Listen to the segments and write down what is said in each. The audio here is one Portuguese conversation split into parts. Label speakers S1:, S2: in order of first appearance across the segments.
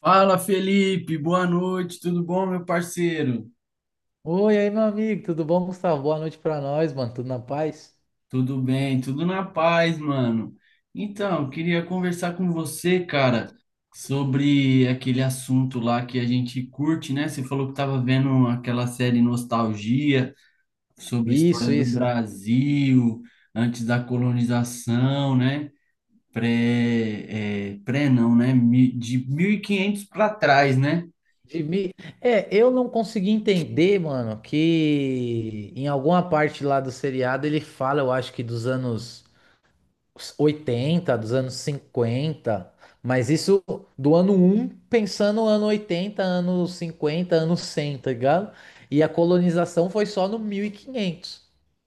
S1: Fala, Felipe, boa noite, tudo bom, meu parceiro?
S2: Oi, aí, meu amigo, tudo bom, Gustavo? Boa noite pra nós, mano. Tudo na paz?
S1: Tudo bem, tudo na paz, mano. Então, queria conversar com você, cara, sobre aquele assunto lá que a gente curte, né? Você falou que tava vendo aquela série Nostalgia sobre a história
S2: Isso,
S1: do
S2: isso.
S1: Brasil antes da colonização, né? Pré, pré não, né? De 1500 para trás, né?
S2: De mim. É, eu não consegui entender, mano, que em alguma parte lá do seriado ele fala, eu acho que dos anos 80, dos anos cinquenta, mas isso do ano um, pensando no ano 80, ano 50, ano 100, tá ligado? E a colonização foi só no 1500.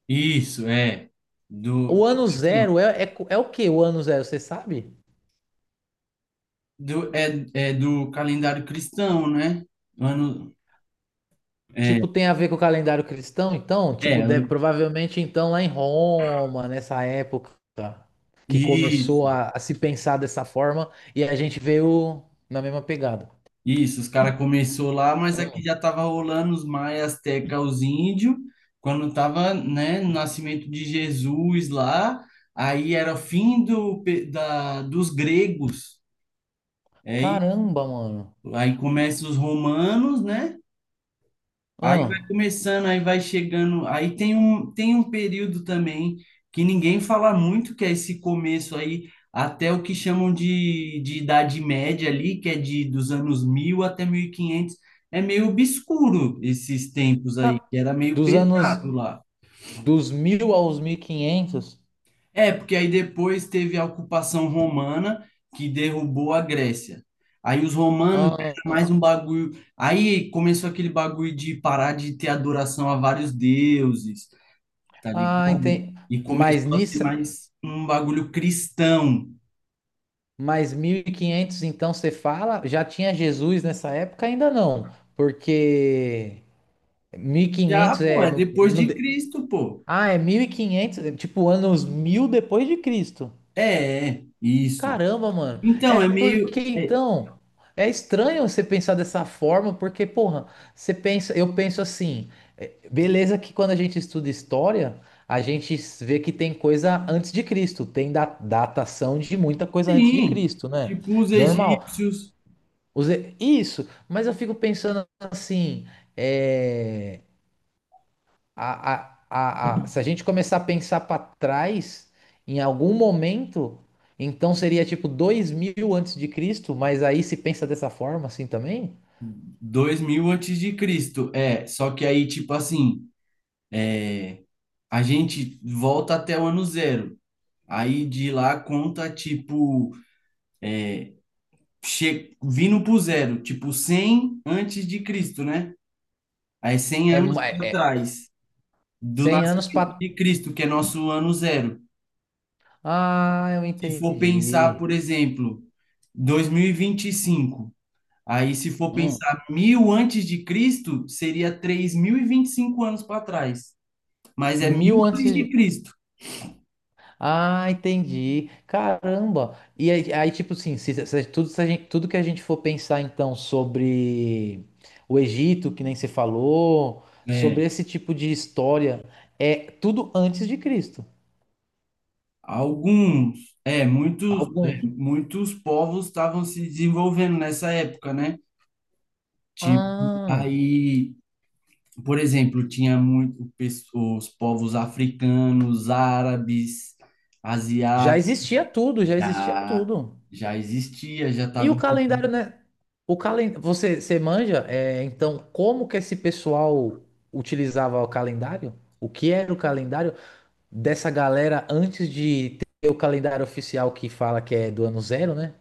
S1: Isso, é. Do,
S2: O
S1: tipo
S2: ano
S1: assim,
S2: zero é, é o que o ano zero, você sabe?
S1: do, é, é do calendário cristão, né? Ano, é,
S2: Tipo, tem a ver com o calendário cristão, então?
S1: é,
S2: Tipo, deve,
S1: ano-
S2: provavelmente, então, lá em Roma, nessa época que
S1: isso,
S2: começou a se pensar dessa forma, e a gente veio na mesma pegada.
S1: isso, os caras começou lá, mas aqui
S2: Ah,
S1: já tava rolando os maias, azteca, os índios, quando tava, né, no nascimento de Jesus lá, aí era o fim do, dos gregos, aí,
S2: caramba, mano.
S1: aí começa os romanos, né? Aí vai
S2: Ah,
S1: começando, aí vai chegando. Aí tem um período também que ninguém fala muito, que é esse começo aí, até o que chamam de Idade Média ali, que é de dos anos 1000 até mil e quinhentos. É meio obscuro esses tempos aí,
S2: ca-
S1: que era meio
S2: dos anos
S1: pesado lá.
S2: dos mil aos 1500.
S1: É, porque aí depois teve a ocupação romana, que derrubou a Grécia. Aí os romanos era
S2: Ah,
S1: mais um bagulho. Aí começou aquele bagulho de parar de ter adoração a vários deuses. Tá
S2: ah,
S1: ligado?
S2: entendi.
S1: E começou
S2: Mas
S1: a ter
S2: nisso,
S1: mais um bagulho cristão.
S2: mas 1500, então, você fala, já tinha Jesus nessa época? Ainda não, porque... mil e
S1: Já,
S2: quinhentos
S1: pô,
S2: é
S1: é
S2: no,
S1: depois
S2: no,
S1: de Cristo, pô.
S2: ah, é 1500, é tipo anos 1000 depois de Cristo.
S1: É, é, isso.
S2: Caramba, mano.
S1: Então,
S2: É
S1: é
S2: porque
S1: meio. é,
S2: então é estranho você pensar dessa forma, porque porra, eu penso assim, é, beleza que quando a gente estuda história, a gente vê que tem coisa antes de Cristo, tem datação de muita coisa antes de
S1: sim,
S2: Cristo, né?
S1: tipo os
S2: Normal.
S1: egípcios,
S2: Isso, mas eu fico pensando assim, é, se a gente começar a pensar para trás, em algum momento, então seria tipo 2000 antes de Cristo, mas aí se pensa dessa forma assim também?
S1: dois mil antes de Cristo. É, só que aí, tipo assim, é, a gente volta até o ano zero. Aí de lá conta, tipo, vindo pro zero, tipo 100 antes de Cristo, né? Aí 100 anos para
S2: É
S1: trás. Do
S2: 100 anos
S1: nascimento
S2: para.
S1: de Cristo, que é nosso ano zero.
S2: Ah, eu
S1: Se for pensar,
S2: entendi.
S1: por exemplo, dois mil e vinte e cinco, aí se for
S2: Hum,
S1: pensar mil antes de Cristo, seria três mil e vinte e cinco anos para trás. Mas é mil
S2: mil
S1: antes
S2: antes.
S1: de Cristo.
S2: Ah, entendi. Caramba. E aí, aí, tipo assim, tudo, se a gente- tudo que a gente for pensar então sobre o Egito, que nem você falou,
S1: É,
S2: sobre esse tipo de história, é tudo antes de Cristo.
S1: Muitos,
S2: Algum.
S1: muitos povos estavam se desenvolvendo nessa época, né? Tipo,
S2: Ah,
S1: aí, por exemplo, tinha os povos africanos, árabes,
S2: já
S1: asiáticos.
S2: existia tudo, já existia
S1: Já,
S2: tudo.
S1: Já existia, já
S2: E
S1: tava.
S2: o calendário, né? O calen... você, você manja? É, então, como que esse pessoal utilizava o calendário? O que era o calendário? Dessa galera antes de ter o calendário oficial que fala que é do ano zero, né?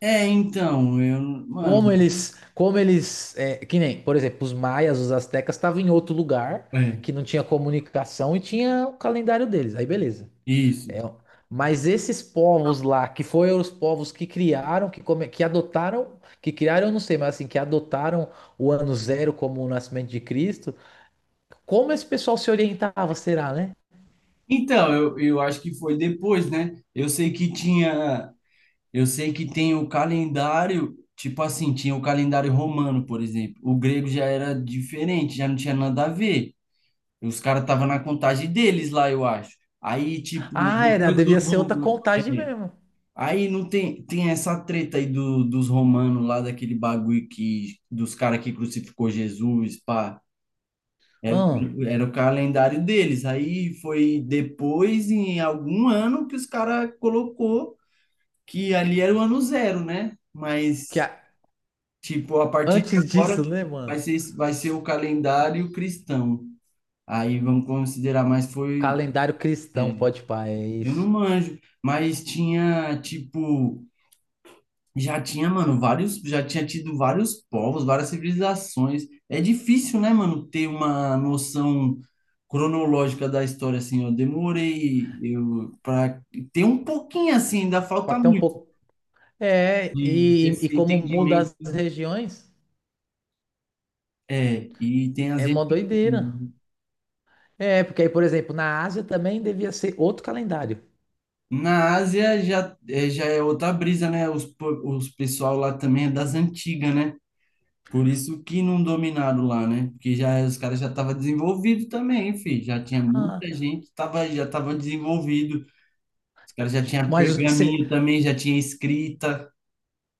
S1: É, então, eu,
S2: Como
S1: mano,
S2: eles, como eles, é, que nem, por exemplo, os maias, os astecas estavam em outro lugar
S1: é,
S2: que não tinha comunicação e tinha o calendário deles. Aí beleza.
S1: isso.
S2: É, mas esses povos lá, que foram os povos que criaram, que, come, que adotaram, que criaram, eu não sei, mas assim, que adotaram o ano zero como o nascimento de Cristo, como esse pessoal se orientava, será, né?
S1: Então, eu acho que foi depois, né? Eu sei que tinha, eu sei que tem o calendário, tipo assim, tinha o calendário romano, por exemplo. O grego já era diferente, já não tinha nada a ver. Os caras estavam na contagem deles lá, eu acho. Aí, tipo,
S2: Ah, era,
S1: depois
S2: devia
S1: dos
S2: ser outra
S1: romanos.
S2: contagem
S1: é,
S2: mesmo.
S1: Aí não tem, tem essa treta aí do, dos romanos lá, daquele bagulho que, dos caras que crucificou Jesus, pá.
S2: Hum.
S1: Era o calendário deles. Aí foi depois, em algum ano, que os caras colocou que ali era o ano zero, né?
S2: Que
S1: Mas,
S2: a-
S1: tipo, a partir de
S2: antes disso,
S1: agora
S2: né, mano?
S1: vai ser o calendário cristão. Aí vamos considerar, mas foi.
S2: Calendário
S1: é,
S2: cristão, pode pá, é
S1: eu não
S2: isso.
S1: manjo, mas tinha, tipo. Já tinha, mano, vários, já tinha tido vários povos, várias civilizações. É difícil, né, mano, ter uma noção cronológica da história assim. Eu demorei eu para ter um pouquinho assim, ainda falta
S2: Até um
S1: muito
S2: pouco. É,
S1: de
S2: e
S1: desse
S2: como muda
S1: entendimento.
S2: as regiões,
S1: É, e tem as
S2: é mó
S1: regiões.
S2: doideira. É, porque aí, por exemplo, na Ásia também devia ser outro calendário.
S1: Na Ásia já é outra brisa, né? Os pessoal lá também é das antigas, né? Por isso que não dominaram lá, né? Porque já os caras já estavam desenvolvidos também, filho. Já tinha muita
S2: Ah,
S1: gente, tava, já estava desenvolvido. Os caras já tinham
S2: mas,
S1: pergaminho também, já tinha escrita.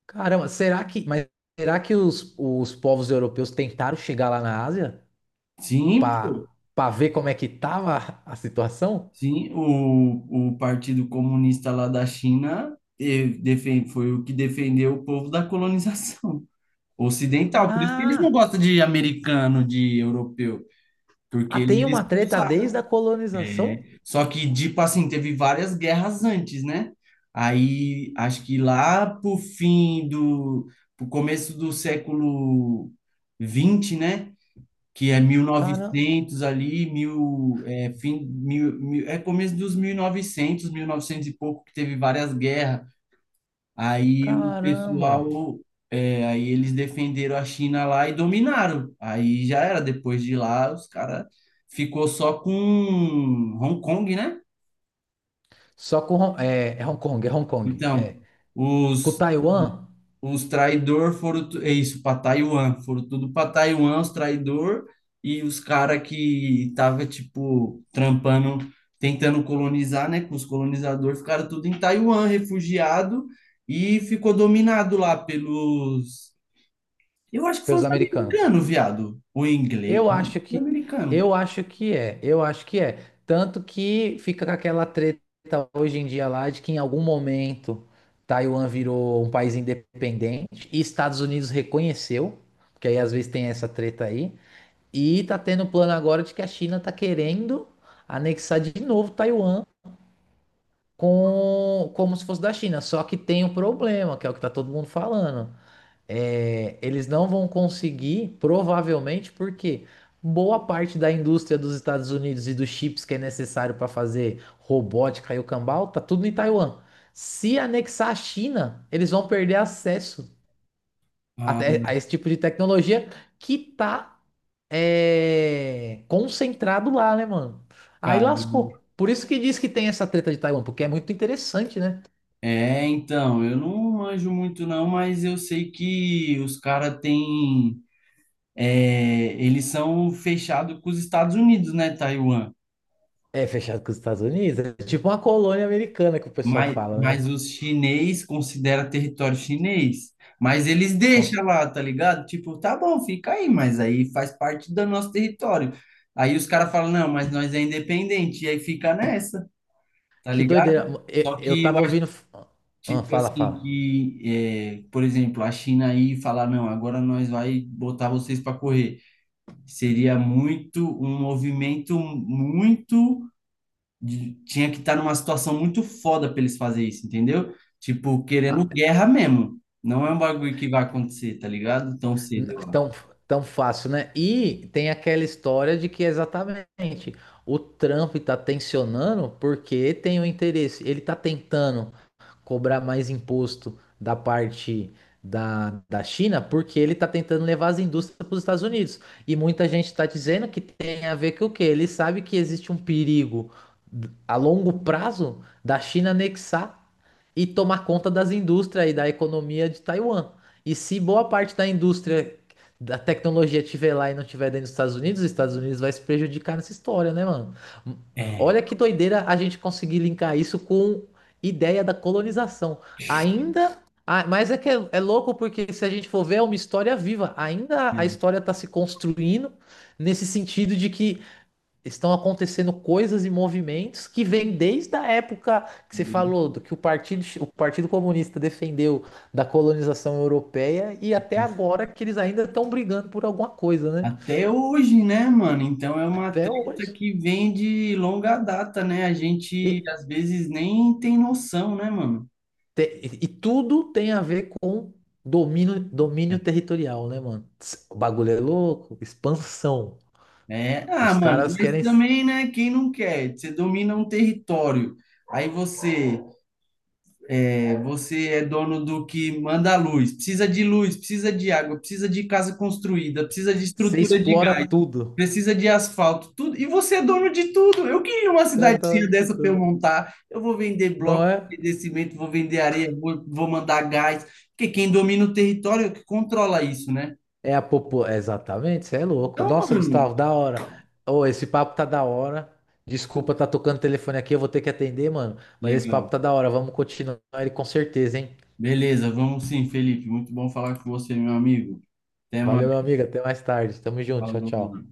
S2: caramba, será que, mas será que os povos europeus tentaram chegar lá na Ásia
S1: Sim,
S2: para
S1: pô.
S2: para ver como é que tava a situação?
S1: Sim, o Partido Comunista lá da China foi o que defendeu o povo da colonização ocidental. Por isso que eles não
S2: Ah,
S1: gostam de americano, de europeu, porque
S2: ah, tem
S1: eles
S2: uma treta desde
S1: expulsaram.
S2: a colonização?
S1: Só que, tipo assim, teve várias guerras antes, né? Aí, acho que lá pro começo do século 20, né? Que é mil e
S2: Caramba.
S1: novecentos ali, mil, é, fim, mil, mil, é começo dos 1900, novecentos e pouco, que teve várias guerras. Aí o
S2: Caramba!
S1: pessoal... É, aí eles defenderam a China lá e dominaram. Aí já era, depois de lá, os caras ficou só com Hong Kong, né?
S2: Só com Hong é, é Hong Kong, é Hong Kong,
S1: Então,
S2: é. Com
S1: os,
S2: Taiwan,
S1: é isso, para Taiwan, foram tudo para Taiwan, os traidores e os cara que tava tipo trampando, tentando colonizar, né, com os colonizadores, ficaram tudo em Taiwan, refugiado e ficou dominado lá pelos, eu acho que foi
S2: pelos
S1: os
S2: americanos.
S1: americanos, viado, ou inglês,
S2: Eu acho que
S1: americano.
S2: eu acho que é, eu acho que é. Tanto que fica com aquela treta hoje em dia lá de que em algum momento Taiwan virou um país independente e Estados Unidos reconheceu, porque aí às vezes tem essa treta aí. E tá tendo um plano agora de que a China tá querendo anexar de novo Taiwan com como se fosse da China. Só que tem um problema, que é o que tá todo mundo falando. É, eles não vão conseguir, provavelmente, porque boa parte da indústria dos Estados Unidos e dos chips que é necessário para fazer robótica e o cambal, tá tudo em Taiwan. Se anexar a China, eles vão perder acesso
S1: Ah,
S2: até a esse tipo de tecnologia que tá é, concentrado lá, né, mano? Aí
S1: cara,
S2: lascou. Por isso que diz que tem essa treta de Taiwan, porque é muito interessante, né?
S1: então, eu não manjo muito não, mas eu sei que os cara têm eles são fechados com os Estados Unidos, né, Taiwan?
S2: É fechado com os Estados Unidos, é tipo uma colônia americana que o pessoal fala, né?
S1: Mas os chinês considera território chinês. Mas eles deixam
S2: Cons-
S1: lá, tá ligado? Tipo, tá bom, fica aí, mas aí faz parte do nosso território. Aí os caras falam, não, mas nós é independente. E aí fica nessa, tá
S2: que
S1: ligado?
S2: doideira. Eu,
S1: Só
S2: eu
S1: que eu
S2: tava
S1: acho,
S2: ouvindo. Ah,
S1: tipo
S2: fala,
S1: assim,
S2: fala.
S1: que, por exemplo, a China aí falar, não, agora nós vai botar vocês para correr. Seria muito, um movimento muito tinha que estar numa situação muito foda para eles fazer isso, entendeu? Tipo, querendo
S2: Ah,
S1: guerra mesmo. Não é um bagulho que vai acontecer, tá ligado? Tão
S2: n-
S1: cedo, eu acho.
S2: tão, tão fácil, né? E tem aquela história de que exatamente o Trump tá tensionando porque tem o interesse. Ele tá tentando cobrar mais imposto da parte da China, porque ele está tentando levar as indústrias para os Estados Unidos. E muita gente está dizendo que tem a ver com o quê? Ele sabe que existe um perigo a longo prazo da China anexar e tomar conta das indústrias e da economia de Taiwan. E se boa parte da indústria da tecnologia estiver lá e não estiver dentro dos Estados Unidos, os Estados Unidos vai se prejudicar nessa história, né, mano?
S1: É.
S2: Olha que doideira a gente conseguir linkar isso com ideia da colonização. Ainda. Ah, mas é que é, é louco porque se a gente for ver, é uma história viva. Ainda a história está se construindo nesse sentido de que estão acontecendo coisas e movimentos que vêm desde a época que você falou do que o Partido Comunista defendeu da colonização europeia e até agora que eles ainda estão brigando por alguma coisa, né?
S1: Até hoje, né, mano? Então é uma
S2: Até
S1: treta
S2: hoje.
S1: que vem de longa data, né? A gente
S2: E-
S1: às vezes nem tem noção, né, mano?
S2: E tudo tem a ver com domínio, domínio territorial, né, mano? Tss, o bagulho é louco, expansão.
S1: É, ah,
S2: Os
S1: mano,
S2: caras
S1: mas
S2: querem
S1: também, né? Quem não quer? Você domina um território, aí você É, você é dono do que manda a luz, precisa de água, precisa de casa construída, precisa de
S2: se
S1: estrutura de
S2: explora
S1: gás,
S2: tudo.
S1: precisa de asfalto, tudo. E você é dono de tudo. Eu queria uma
S2: É
S1: cidadezinha
S2: doido de
S1: dessa para eu
S2: tudo.
S1: montar. Eu vou vender
S2: Não
S1: bloco,
S2: é?
S1: vou vender cimento, vou vender areia, vou mandar gás. Porque quem domina o território é o que controla isso, né?
S2: É a popu... é exatamente, você é louco.
S1: Então,
S2: Nossa,
S1: mano,
S2: Gustavo, da hora. Ô, esse papo tá da hora. Desculpa, tá tocando o telefone aqui, eu vou ter que atender, mano. Mas esse papo
S1: legal.
S2: tá da hora. Vamos continuar ele com certeza, hein?
S1: Beleza, vamos sim, Felipe. Muito bom falar com você, meu amigo. Até mais.
S2: Valeu, meu amigo. Até mais tarde. Tamo junto. Tchau,
S1: Falou.
S2: tchau.